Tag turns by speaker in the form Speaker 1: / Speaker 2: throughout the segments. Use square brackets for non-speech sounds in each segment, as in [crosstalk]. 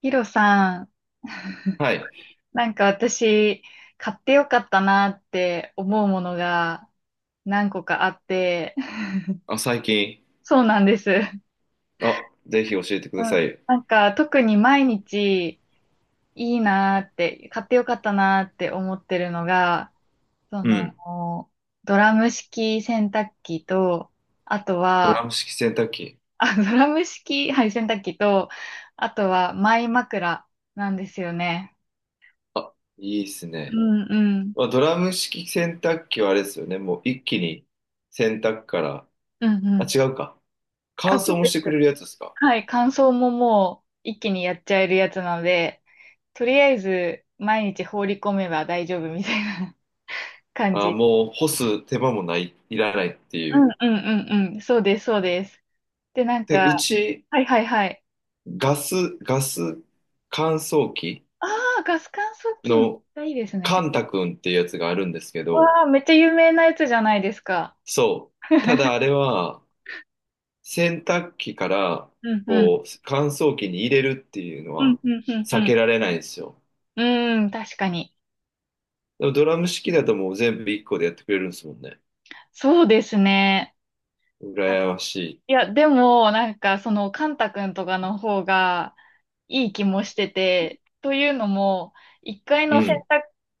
Speaker 1: ヒロさん、
Speaker 2: はい。
Speaker 1: なんか私、買ってよかったなって思うものが何個かあって、[laughs]
Speaker 2: あ、最近。
Speaker 1: そうなんです。う
Speaker 2: あ、ぜひ教えてくださ
Speaker 1: ん
Speaker 2: い。
Speaker 1: なんか特に毎日いいなって、買ってよかったなって思ってるのが、そ
Speaker 2: う
Speaker 1: の、
Speaker 2: ん。
Speaker 1: ドラム式洗濯機と、あと
Speaker 2: ドラ
Speaker 1: は、
Speaker 2: ム式洗濯機。
Speaker 1: あ、ドラム式、はい、洗濯機と、あとはマイ枕なんですよね。
Speaker 2: あ、いいです
Speaker 1: う
Speaker 2: ね。
Speaker 1: んうん。
Speaker 2: まあ、ドラム式洗濯機はあれですよね。もう一気に洗濯から。
Speaker 1: うんう
Speaker 2: あ、
Speaker 1: ん。
Speaker 2: 違うか。
Speaker 1: あ、
Speaker 2: 乾
Speaker 1: そ
Speaker 2: 燥
Speaker 1: う
Speaker 2: もし
Speaker 1: で
Speaker 2: てく
Speaker 1: す。
Speaker 2: れるやつですか？
Speaker 1: はい、乾燥ももう一気にやっちゃえるやつなので、とりあえず毎日放り込めば大丈夫みたいな [laughs] 感
Speaker 2: あ、
Speaker 1: じ。
Speaker 2: もう干す手間もない、いらないって
Speaker 1: う
Speaker 2: いう。
Speaker 1: んうんうんうん。そうです、そうです。で、なん
Speaker 2: で、う
Speaker 1: か、
Speaker 2: ち、
Speaker 1: はいはいはい。
Speaker 2: ガス、ガス乾燥機
Speaker 1: ああ、ガス乾燥機めっち
Speaker 2: の
Speaker 1: ゃいいです
Speaker 2: カ
Speaker 1: ね。
Speaker 2: ンタ君っていうやつがあるんですけど、
Speaker 1: わあ、めっちゃ有名なやつじゃないですか。
Speaker 2: そう。ただあ
Speaker 1: [laughs]
Speaker 2: れは、洗濯機から、
Speaker 1: うんうん。
Speaker 2: こう、乾燥機に入れるっていうの
Speaker 1: うん
Speaker 2: は
Speaker 1: うんう
Speaker 2: 避
Speaker 1: ん
Speaker 2: けられないんですよ。
Speaker 1: うん。うーん、確かに。
Speaker 2: でもドラム式だともう全部1個でやってくれるんですもんね。
Speaker 1: そうですね。あ、
Speaker 2: 羨まし
Speaker 1: いや、でも、なんか、その、カンタ君とかの方が、いい気もしてて、というのも、1回
Speaker 2: い。う
Speaker 1: の洗
Speaker 2: ん。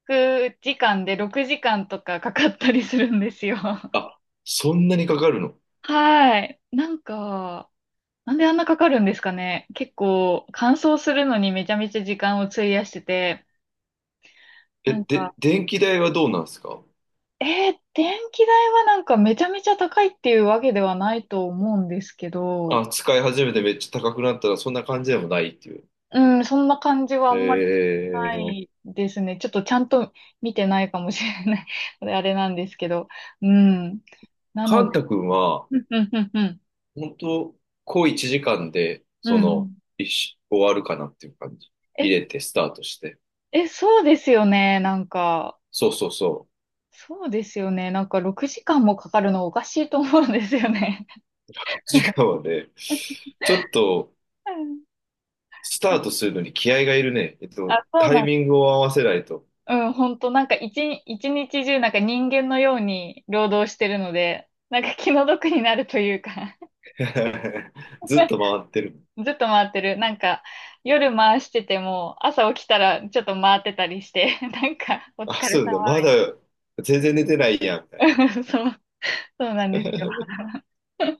Speaker 1: 濯時間で6時間とかかかったりするんですよ。[laughs]
Speaker 2: あ、そんなにかかるの？
Speaker 1: はい。なんか、なんであんなかかるんですかね。結構、乾燥するのにめちゃめちゃ時間を費やしてて、
Speaker 2: え、
Speaker 1: なんか、
Speaker 2: で、電気代はどうなんですか？
Speaker 1: 電気代はなんかめちゃめちゃ高いっていうわけではないと思うんですけど、
Speaker 2: あ、使い始めてめっちゃ高くなったらそんな感じでもないっていう。
Speaker 1: うん、そんな感じはあ
Speaker 2: え
Speaker 1: んまりな
Speaker 2: ー、
Speaker 1: いですね。ちょっとちゃんと見てないかもしれない [laughs] あれなんですけど。うん。な
Speaker 2: カ
Speaker 1: の
Speaker 2: ン
Speaker 1: で、
Speaker 2: タ君は、
Speaker 1: うんうんうんうん。
Speaker 2: 本当こう1時間で、
Speaker 1: うん
Speaker 2: そ
Speaker 1: う
Speaker 2: の、
Speaker 1: ん
Speaker 2: 一緒終わるかなっていう感じ。
Speaker 1: え、
Speaker 2: 入れて、スタートして。
Speaker 1: え、そうですよね。なんか、
Speaker 2: そうそうそう。
Speaker 1: そうですよね。なんか6時間もかかるのおかしいと思うんですよね。
Speaker 2: 時間
Speaker 1: [laughs]
Speaker 2: はね、ちょっと
Speaker 1: う
Speaker 2: スタート
Speaker 1: ん。
Speaker 2: するのに気合がいるね。
Speaker 1: あ、そう
Speaker 2: タイ
Speaker 1: なん。
Speaker 2: ミングを合わせないと。
Speaker 1: うん、本当なんか一日中なんか人間のように労働してるので、なんか気の毒になるというか
Speaker 2: [laughs] ずっと回ってる。
Speaker 1: ずっと回ってる。なんか、夜回してても、朝起きたらちょっと回ってたりして、[laughs] なんか、お疲
Speaker 2: あ、
Speaker 1: れ
Speaker 2: そう
Speaker 1: 様
Speaker 2: だ、まだ全然寝てないやん、みたいな。
Speaker 1: みたいな。[laughs] そう、そうなんですよ。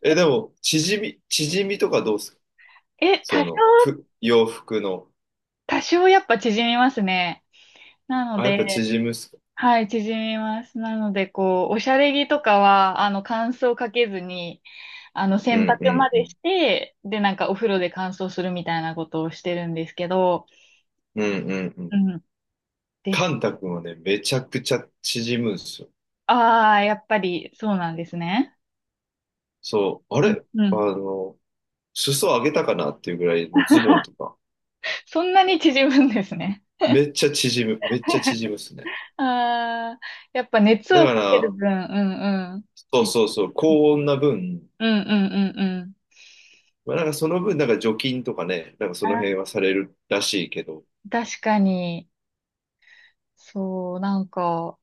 Speaker 2: え、でも、縮みとかどうすか？
Speaker 1: え、
Speaker 2: そ
Speaker 1: 多少、
Speaker 2: の、ふ、洋服の。
Speaker 1: 多少やっぱ縮みますね。なの
Speaker 2: あ、やっぱ
Speaker 1: で、
Speaker 2: 縮むっすか？
Speaker 1: はい、縮みます。なので、こう、おしゃれ着とかは、あの、乾燥かけずに、あの、
Speaker 2: う
Speaker 1: 洗
Speaker 2: んう
Speaker 1: 濯
Speaker 2: ん
Speaker 1: ま
Speaker 2: う
Speaker 1: でし
Speaker 2: ん。
Speaker 1: て、で、なんかお風呂で乾燥するみたいなことをしてるんですけど、
Speaker 2: うんうんう
Speaker 1: う
Speaker 2: ん。
Speaker 1: ん、で
Speaker 2: カ
Speaker 1: す。
Speaker 2: ンタ君はね、めちゃくちゃ縮むんですよ。
Speaker 1: ああ、やっぱりそうなんですね。
Speaker 2: そう、あ
Speaker 1: うん、
Speaker 2: れ
Speaker 1: う
Speaker 2: あ
Speaker 1: ん。
Speaker 2: の、裾上げたかなっていうぐらい、もうズボンとか、
Speaker 1: そんなに縮むんですね。
Speaker 2: めっちゃ縮む、めっちゃ縮むっすね。
Speaker 1: ああ、やっぱ熱
Speaker 2: だ
Speaker 1: を
Speaker 2: か
Speaker 1: かける
Speaker 2: ら、
Speaker 1: 分、うんうん。
Speaker 2: そう
Speaker 1: ち
Speaker 2: そうそう、高温な分、
Speaker 1: うんうんうんうん。
Speaker 2: まあ、なんかその分、なんか除菌とかね、なんかその辺
Speaker 1: あ、
Speaker 2: はされるらしいけど、
Speaker 1: 確かに、そう、なんか、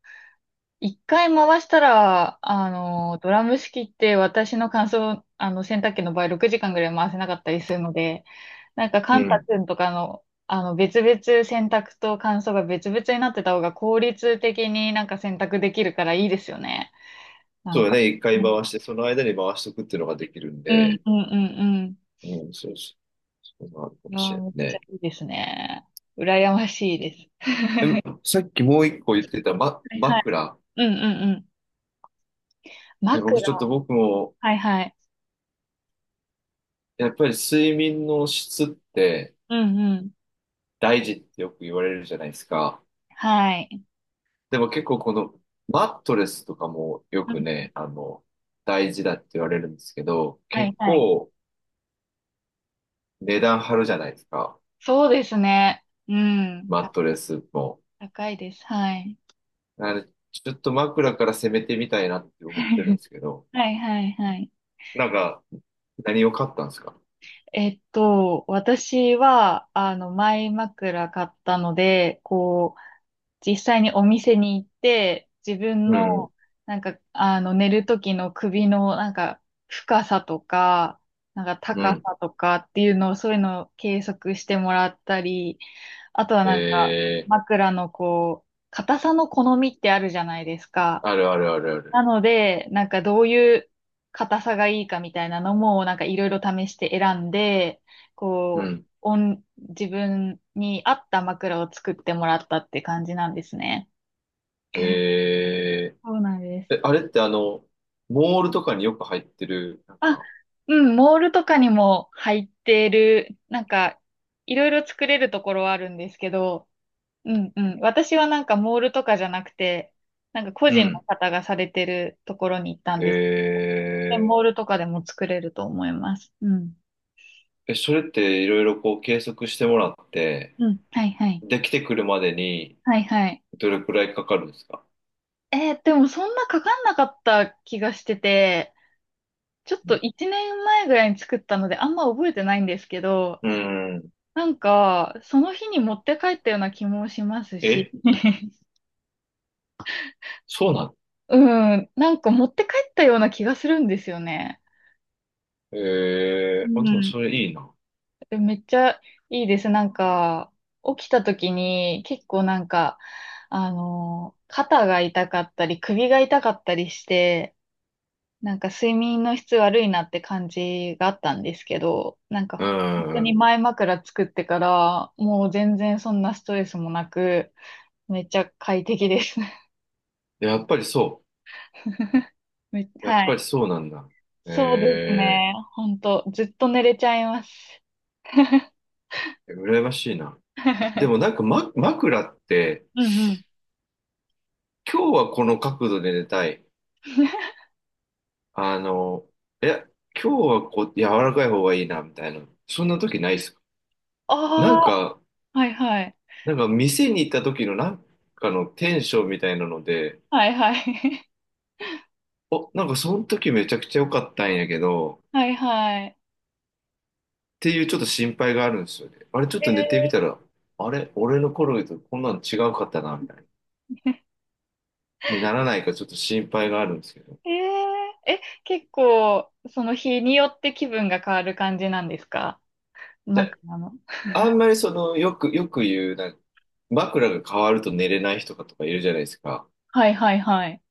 Speaker 1: 一回回したら、あの、ドラム式って私の乾燥、あの、洗濯機の場合6時間ぐらい回せなかったりするので、なんか、
Speaker 2: う
Speaker 1: カンタ
Speaker 2: ん。
Speaker 1: 君とかの、あの、別々洗濯と乾燥が別々になってた方が効率的になんか洗濯できるからいいですよね。な
Speaker 2: そ
Speaker 1: ん
Speaker 2: うだ
Speaker 1: か。
Speaker 2: ね、一
Speaker 1: う
Speaker 2: 回
Speaker 1: ん
Speaker 2: 回して、その間に回しとくっていうのができるん
Speaker 1: うん
Speaker 2: で、
Speaker 1: うんうんうん。
Speaker 2: うん、そうそう、そうなるかも
Speaker 1: あ
Speaker 2: し
Speaker 1: あ、
Speaker 2: れ
Speaker 1: めっ
Speaker 2: ない
Speaker 1: ちゃ
Speaker 2: ね。
Speaker 1: いいですね。羨ましいです。
Speaker 2: でも、さっきもう一個言ってた、ま、
Speaker 1: はいはい。
Speaker 2: 枕。
Speaker 1: うんうんうん。
Speaker 2: ね
Speaker 1: 枕。
Speaker 2: 僕ちょっと僕も、
Speaker 1: はいはい。
Speaker 2: やっぱり睡眠の質って
Speaker 1: うんうん。
Speaker 2: 大事ってよく言われるじゃないですか。
Speaker 1: はい。
Speaker 2: でも結構このマットレスとかもよ
Speaker 1: う
Speaker 2: く
Speaker 1: ん。
Speaker 2: ね、あの、大事だって言われるんですけど、
Speaker 1: はい
Speaker 2: 結
Speaker 1: はい。
Speaker 2: 構値段張るじゃないですか。
Speaker 1: そうですね。うん。
Speaker 2: マ
Speaker 1: 高
Speaker 2: ットレ
Speaker 1: い、
Speaker 2: スも。
Speaker 1: 高いです。はい。
Speaker 2: あれ、ちょっと枕から攻めてみたいなって思ってるん
Speaker 1: [laughs]
Speaker 2: ですけど、
Speaker 1: はいはいはい。
Speaker 2: なんか、何を買ったんですか？
Speaker 1: えっと、私は、あの、前枕買ったので、こう、実際にお店に行って、自分
Speaker 2: うん、
Speaker 1: の、なんか、あの、寝る時の首の、なんか、深さとか、なんか、
Speaker 2: う
Speaker 1: 高
Speaker 2: ん。
Speaker 1: さとかっていうのを、そういうのを計測してもらったり、あとはなんか、
Speaker 2: えー、
Speaker 1: 枕のこう、硬さの好みってあるじゃないですか。
Speaker 2: あるあるあるあ
Speaker 1: な
Speaker 2: る。
Speaker 1: ので、なんかどういう硬さがいいかみたいなのも、なんかいろいろ試して選んで、
Speaker 2: う
Speaker 1: こう、
Speaker 2: ん。
Speaker 1: 自分に合った枕を作ってもらったって感じなんですね。
Speaker 2: え
Speaker 1: そうなんです。
Speaker 2: ー、え、あれってあの、モールとかによく入ってる、なん
Speaker 1: あ、
Speaker 2: か、
Speaker 1: うん、モールとかにも入ってる、なんか、いろいろ作れるところはあるんですけど、うんうん。私はなんかモールとかじゃなくて、なんか個
Speaker 2: う
Speaker 1: 人の
Speaker 2: ん。
Speaker 1: 方がされてるところに行ったんです。
Speaker 2: え
Speaker 1: で、モールとかでも作れると思います。うん。
Speaker 2: え、それっていろいろこう計測してもらって、
Speaker 1: うん。はいはい。
Speaker 2: できてくるまでに
Speaker 1: はいはい。
Speaker 2: どれくらいかかるんですか？
Speaker 1: でもそんなかかんなかった気がしてて、ちょっ
Speaker 2: う
Speaker 1: と
Speaker 2: ん。
Speaker 1: 1年前ぐらいに作ったのであんま覚えてないんですけど、
Speaker 2: うん。
Speaker 1: なんか、その日に持って帰ったような気もしますし、
Speaker 2: え、
Speaker 1: [laughs]
Speaker 2: そうなの？
Speaker 1: うん、なんか持って帰ったような気がするんですよね。う
Speaker 2: えー、あ、でも
Speaker 1: ん。
Speaker 2: それいいな。
Speaker 1: めっちゃいいです。なんか、起きた時に結構なんか、あの、肩が痛かったり、首が痛かったりして、なんか睡眠の質悪いなって感じがあったんですけど、なんか
Speaker 2: う
Speaker 1: 本当に
Speaker 2: ん。
Speaker 1: 前枕作ってから、もう全然そんなストレスもなく、めっちゃ快適です。
Speaker 2: やっぱりそ
Speaker 1: [laughs]
Speaker 2: う。やっ
Speaker 1: は
Speaker 2: ぱ
Speaker 1: い。
Speaker 2: りそうなんだ。
Speaker 1: そうです
Speaker 2: え
Speaker 1: ね。本当ずっと寝れちゃいます。
Speaker 2: ー、羨ましいな。でもなん
Speaker 1: [laughs]
Speaker 2: か、ま、枕って、
Speaker 1: うんうん。
Speaker 2: 今日はこの角度で寝たい。あの、いや、今日はこう、柔らかい方がいいな、みたいな。そんな時ないっすか？
Speaker 1: あ
Speaker 2: なんか、
Speaker 1: あ、はいはい。
Speaker 2: なんか店に行った時のなんかのテンションみたいなので、
Speaker 1: はいはい。
Speaker 2: お、なんかその時めちゃくちゃ良かったんやけど、っ
Speaker 1: [laughs] はいはい。
Speaker 2: ていうちょっと心配があるんですよね。あれちょっ
Speaker 1: え
Speaker 2: と寝てみ
Speaker 1: ー、
Speaker 2: たら、あれ俺の頃とこんなの違うかったな、みたいな。にならないかちょっと心配があるんですけど。
Speaker 1: 結構、その日によって気分が変わる感じなんですか？
Speaker 2: で
Speaker 1: 枕の。
Speaker 2: あんまりその、よく言う、なんか枕が変わると寝れない人とかいるじゃないですか。
Speaker 1: はいはいはい。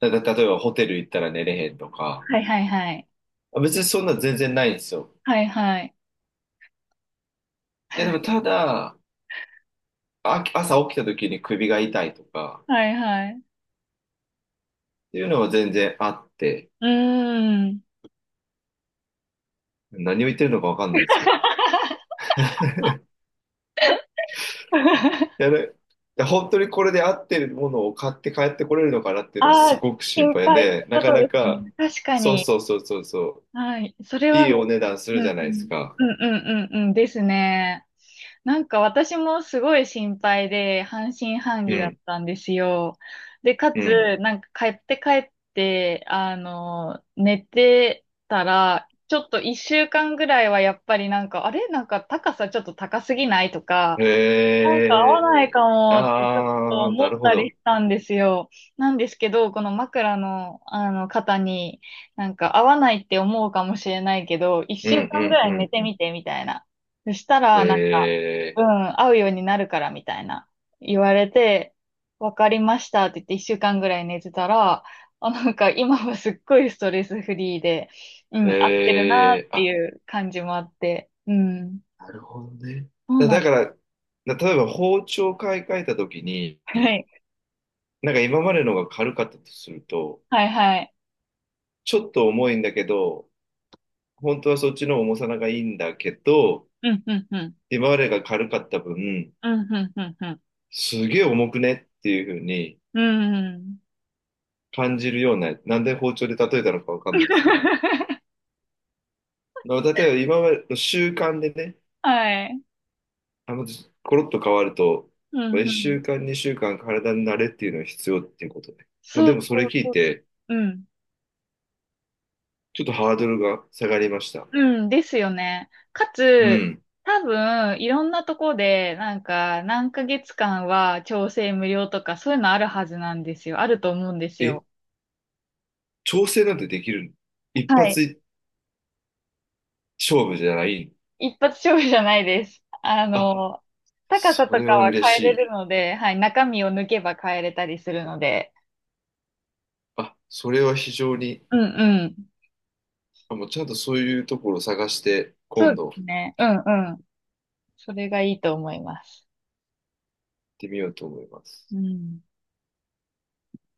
Speaker 2: 例えばホテル行ったら寝れへんとか。
Speaker 1: はいはいはい。
Speaker 2: あ別にそんな全然ないんですよ。
Speaker 1: はいはい。
Speaker 2: いやでもただ、あ朝起きた時に首が痛いとか、
Speaker 1: はいはい。
Speaker 2: っていうのは全然あって、
Speaker 1: うーん。
Speaker 2: 何を言ってるのかわかんないですけど。
Speaker 1: [laughs]
Speaker 2: いやねで本当にこれで合ってるものを買って帰ってこれるのかなっていうのは
Speaker 1: あ
Speaker 2: す
Speaker 1: あ、
Speaker 2: ごく心
Speaker 1: 心
Speaker 2: 配
Speaker 1: 配って
Speaker 2: で、な
Speaker 1: こ
Speaker 2: か
Speaker 1: と
Speaker 2: な
Speaker 1: ですね。
Speaker 2: か、
Speaker 1: 確か
Speaker 2: そう
Speaker 1: に。
Speaker 2: そうそうそうそう、
Speaker 1: はい。それ
Speaker 2: い
Speaker 1: は、う
Speaker 2: い
Speaker 1: ん
Speaker 2: お値段す
Speaker 1: う
Speaker 2: るじ
Speaker 1: ん。
Speaker 2: ゃないですか。
Speaker 1: うんうんうんうんですね。なんか私もすごい心配で半信半
Speaker 2: う
Speaker 1: 疑だっ
Speaker 2: ん、
Speaker 1: たんですよ。で、か
Speaker 2: う
Speaker 1: つ、
Speaker 2: ん。
Speaker 1: なんか帰って、あの、寝てたら、ちょっと一週間ぐらいはやっぱりなんか、あれなんか高さちょっと高すぎないとか、
Speaker 2: へ
Speaker 1: なんか合わないか
Speaker 2: え、
Speaker 1: もってちょっと
Speaker 2: あー、
Speaker 1: 思っ
Speaker 2: なるほ
Speaker 1: たり
Speaker 2: ど。
Speaker 1: したんですよ。なんですけど、この枕の、あの方に、なんか合わないって思うかもしれないけど、一
Speaker 2: う
Speaker 1: 週
Speaker 2: んう
Speaker 1: 間ぐ
Speaker 2: ん
Speaker 1: ら
Speaker 2: う
Speaker 1: い寝
Speaker 2: ん
Speaker 1: て
Speaker 2: うん。
Speaker 1: みてみたいな。そした
Speaker 2: へ
Speaker 1: ら、なんか、う
Speaker 2: え、
Speaker 1: ん、合うようになるからみたいな言われて、わかりましたって言って一週間ぐらい寝てたら、あ、なんか今はすっごいストレスフリーで、う
Speaker 2: へ
Speaker 1: ん、合ってるなっ
Speaker 2: え、
Speaker 1: てい
Speaker 2: あ、
Speaker 1: う感じもあって、うん、
Speaker 2: なるほどね。
Speaker 1: そう
Speaker 2: だ、
Speaker 1: な
Speaker 2: だ
Speaker 1: ん、
Speaker 2: から、だ例えば包丁買い替えた時に、
Speaker 1: はい、
Speaker 2: なんか今までのが軽かったとすると、
Speaker 1: はいはい。
Speaker 2: ちょっと重いんだけど、本当はそっちの重さのがいいんだけど、
Speaker 1: うん、うん、うん。
Speaker 2: 今までが軽かった分、
Speaker 1: うん、うん、うん、うん。
Speaker 2: すげえ重くねっていう風に
Speaker 1: うん。
Speaker 2: 感じるような、なんで包丁で例えたのかわかんないですけど、
Speaker 1: [laughs]
Speaker 2: まあ例えば今までの習慣でね、
Speaker 1: はい。
Speaker 2: あの、コロッと変わると、
Speaker 1: うん、う
Speaker 2: 1
Speaker 1: ん。
Speaker 2: 週間、2週間体に慣れっていうのが必要っていうことで。もう
Speaker 1: そ
Speaker 2: で
Speaker 1: う
Speaker 2: もそれ
Speaker 1: そう
Speaker 2: 聞い
Speaker 1: そう。
Speaker 2: て、
Speaker 1: うん。
Speaker 2: ちょっとハードルが下がりました。
Speaker 1: うん、ですよね。か
Speaker 2: う
Speaker 1: つ、
Speaker 2: ん。
Speaker 1: 多分、いろんなとこで、なんか、何ヶ月間は調整無料とか、そういうのあるはずなんですよ。あると思うんです
Speaker 2: え、
Speaker 1: よ。
Speaker 2: 調整なんてできるの？一
Speaker 1: はい。
Speaker 2: 発勝負じゃない。
Speaker 1: 一発勝負じゃないです。あ
Speaker 2: あ、
Speaker 1: の、高さ
Speaker 2: そ
Speaker 1: と
Speaker 2: れは
Speaker 1: かは
Speaker 2: 嬉
Speaker 1: 変
Speaker 2: し
Speaker 1: えれ
Speaker 2: い。
Speaker 1: るので、はい。中身を抜けば変えれたりするので。
Speaker 2: あ、それは非常に、
Speaker 1: うんうん。
Speaker 2: あ、もうちゃんとそういうところを探して、
Speaker 1: そ
Speaker 2: 今
Speaker 1: うで
Speaker 2: 度行
Speaker 1: す
Speaker 2: っ
Speaker 1: ね。うんうん。それがいいと思います。
Speaker 2: てみようと思いま
Speaker 1: う
Speaker 2: す。
Speaker 1: ん。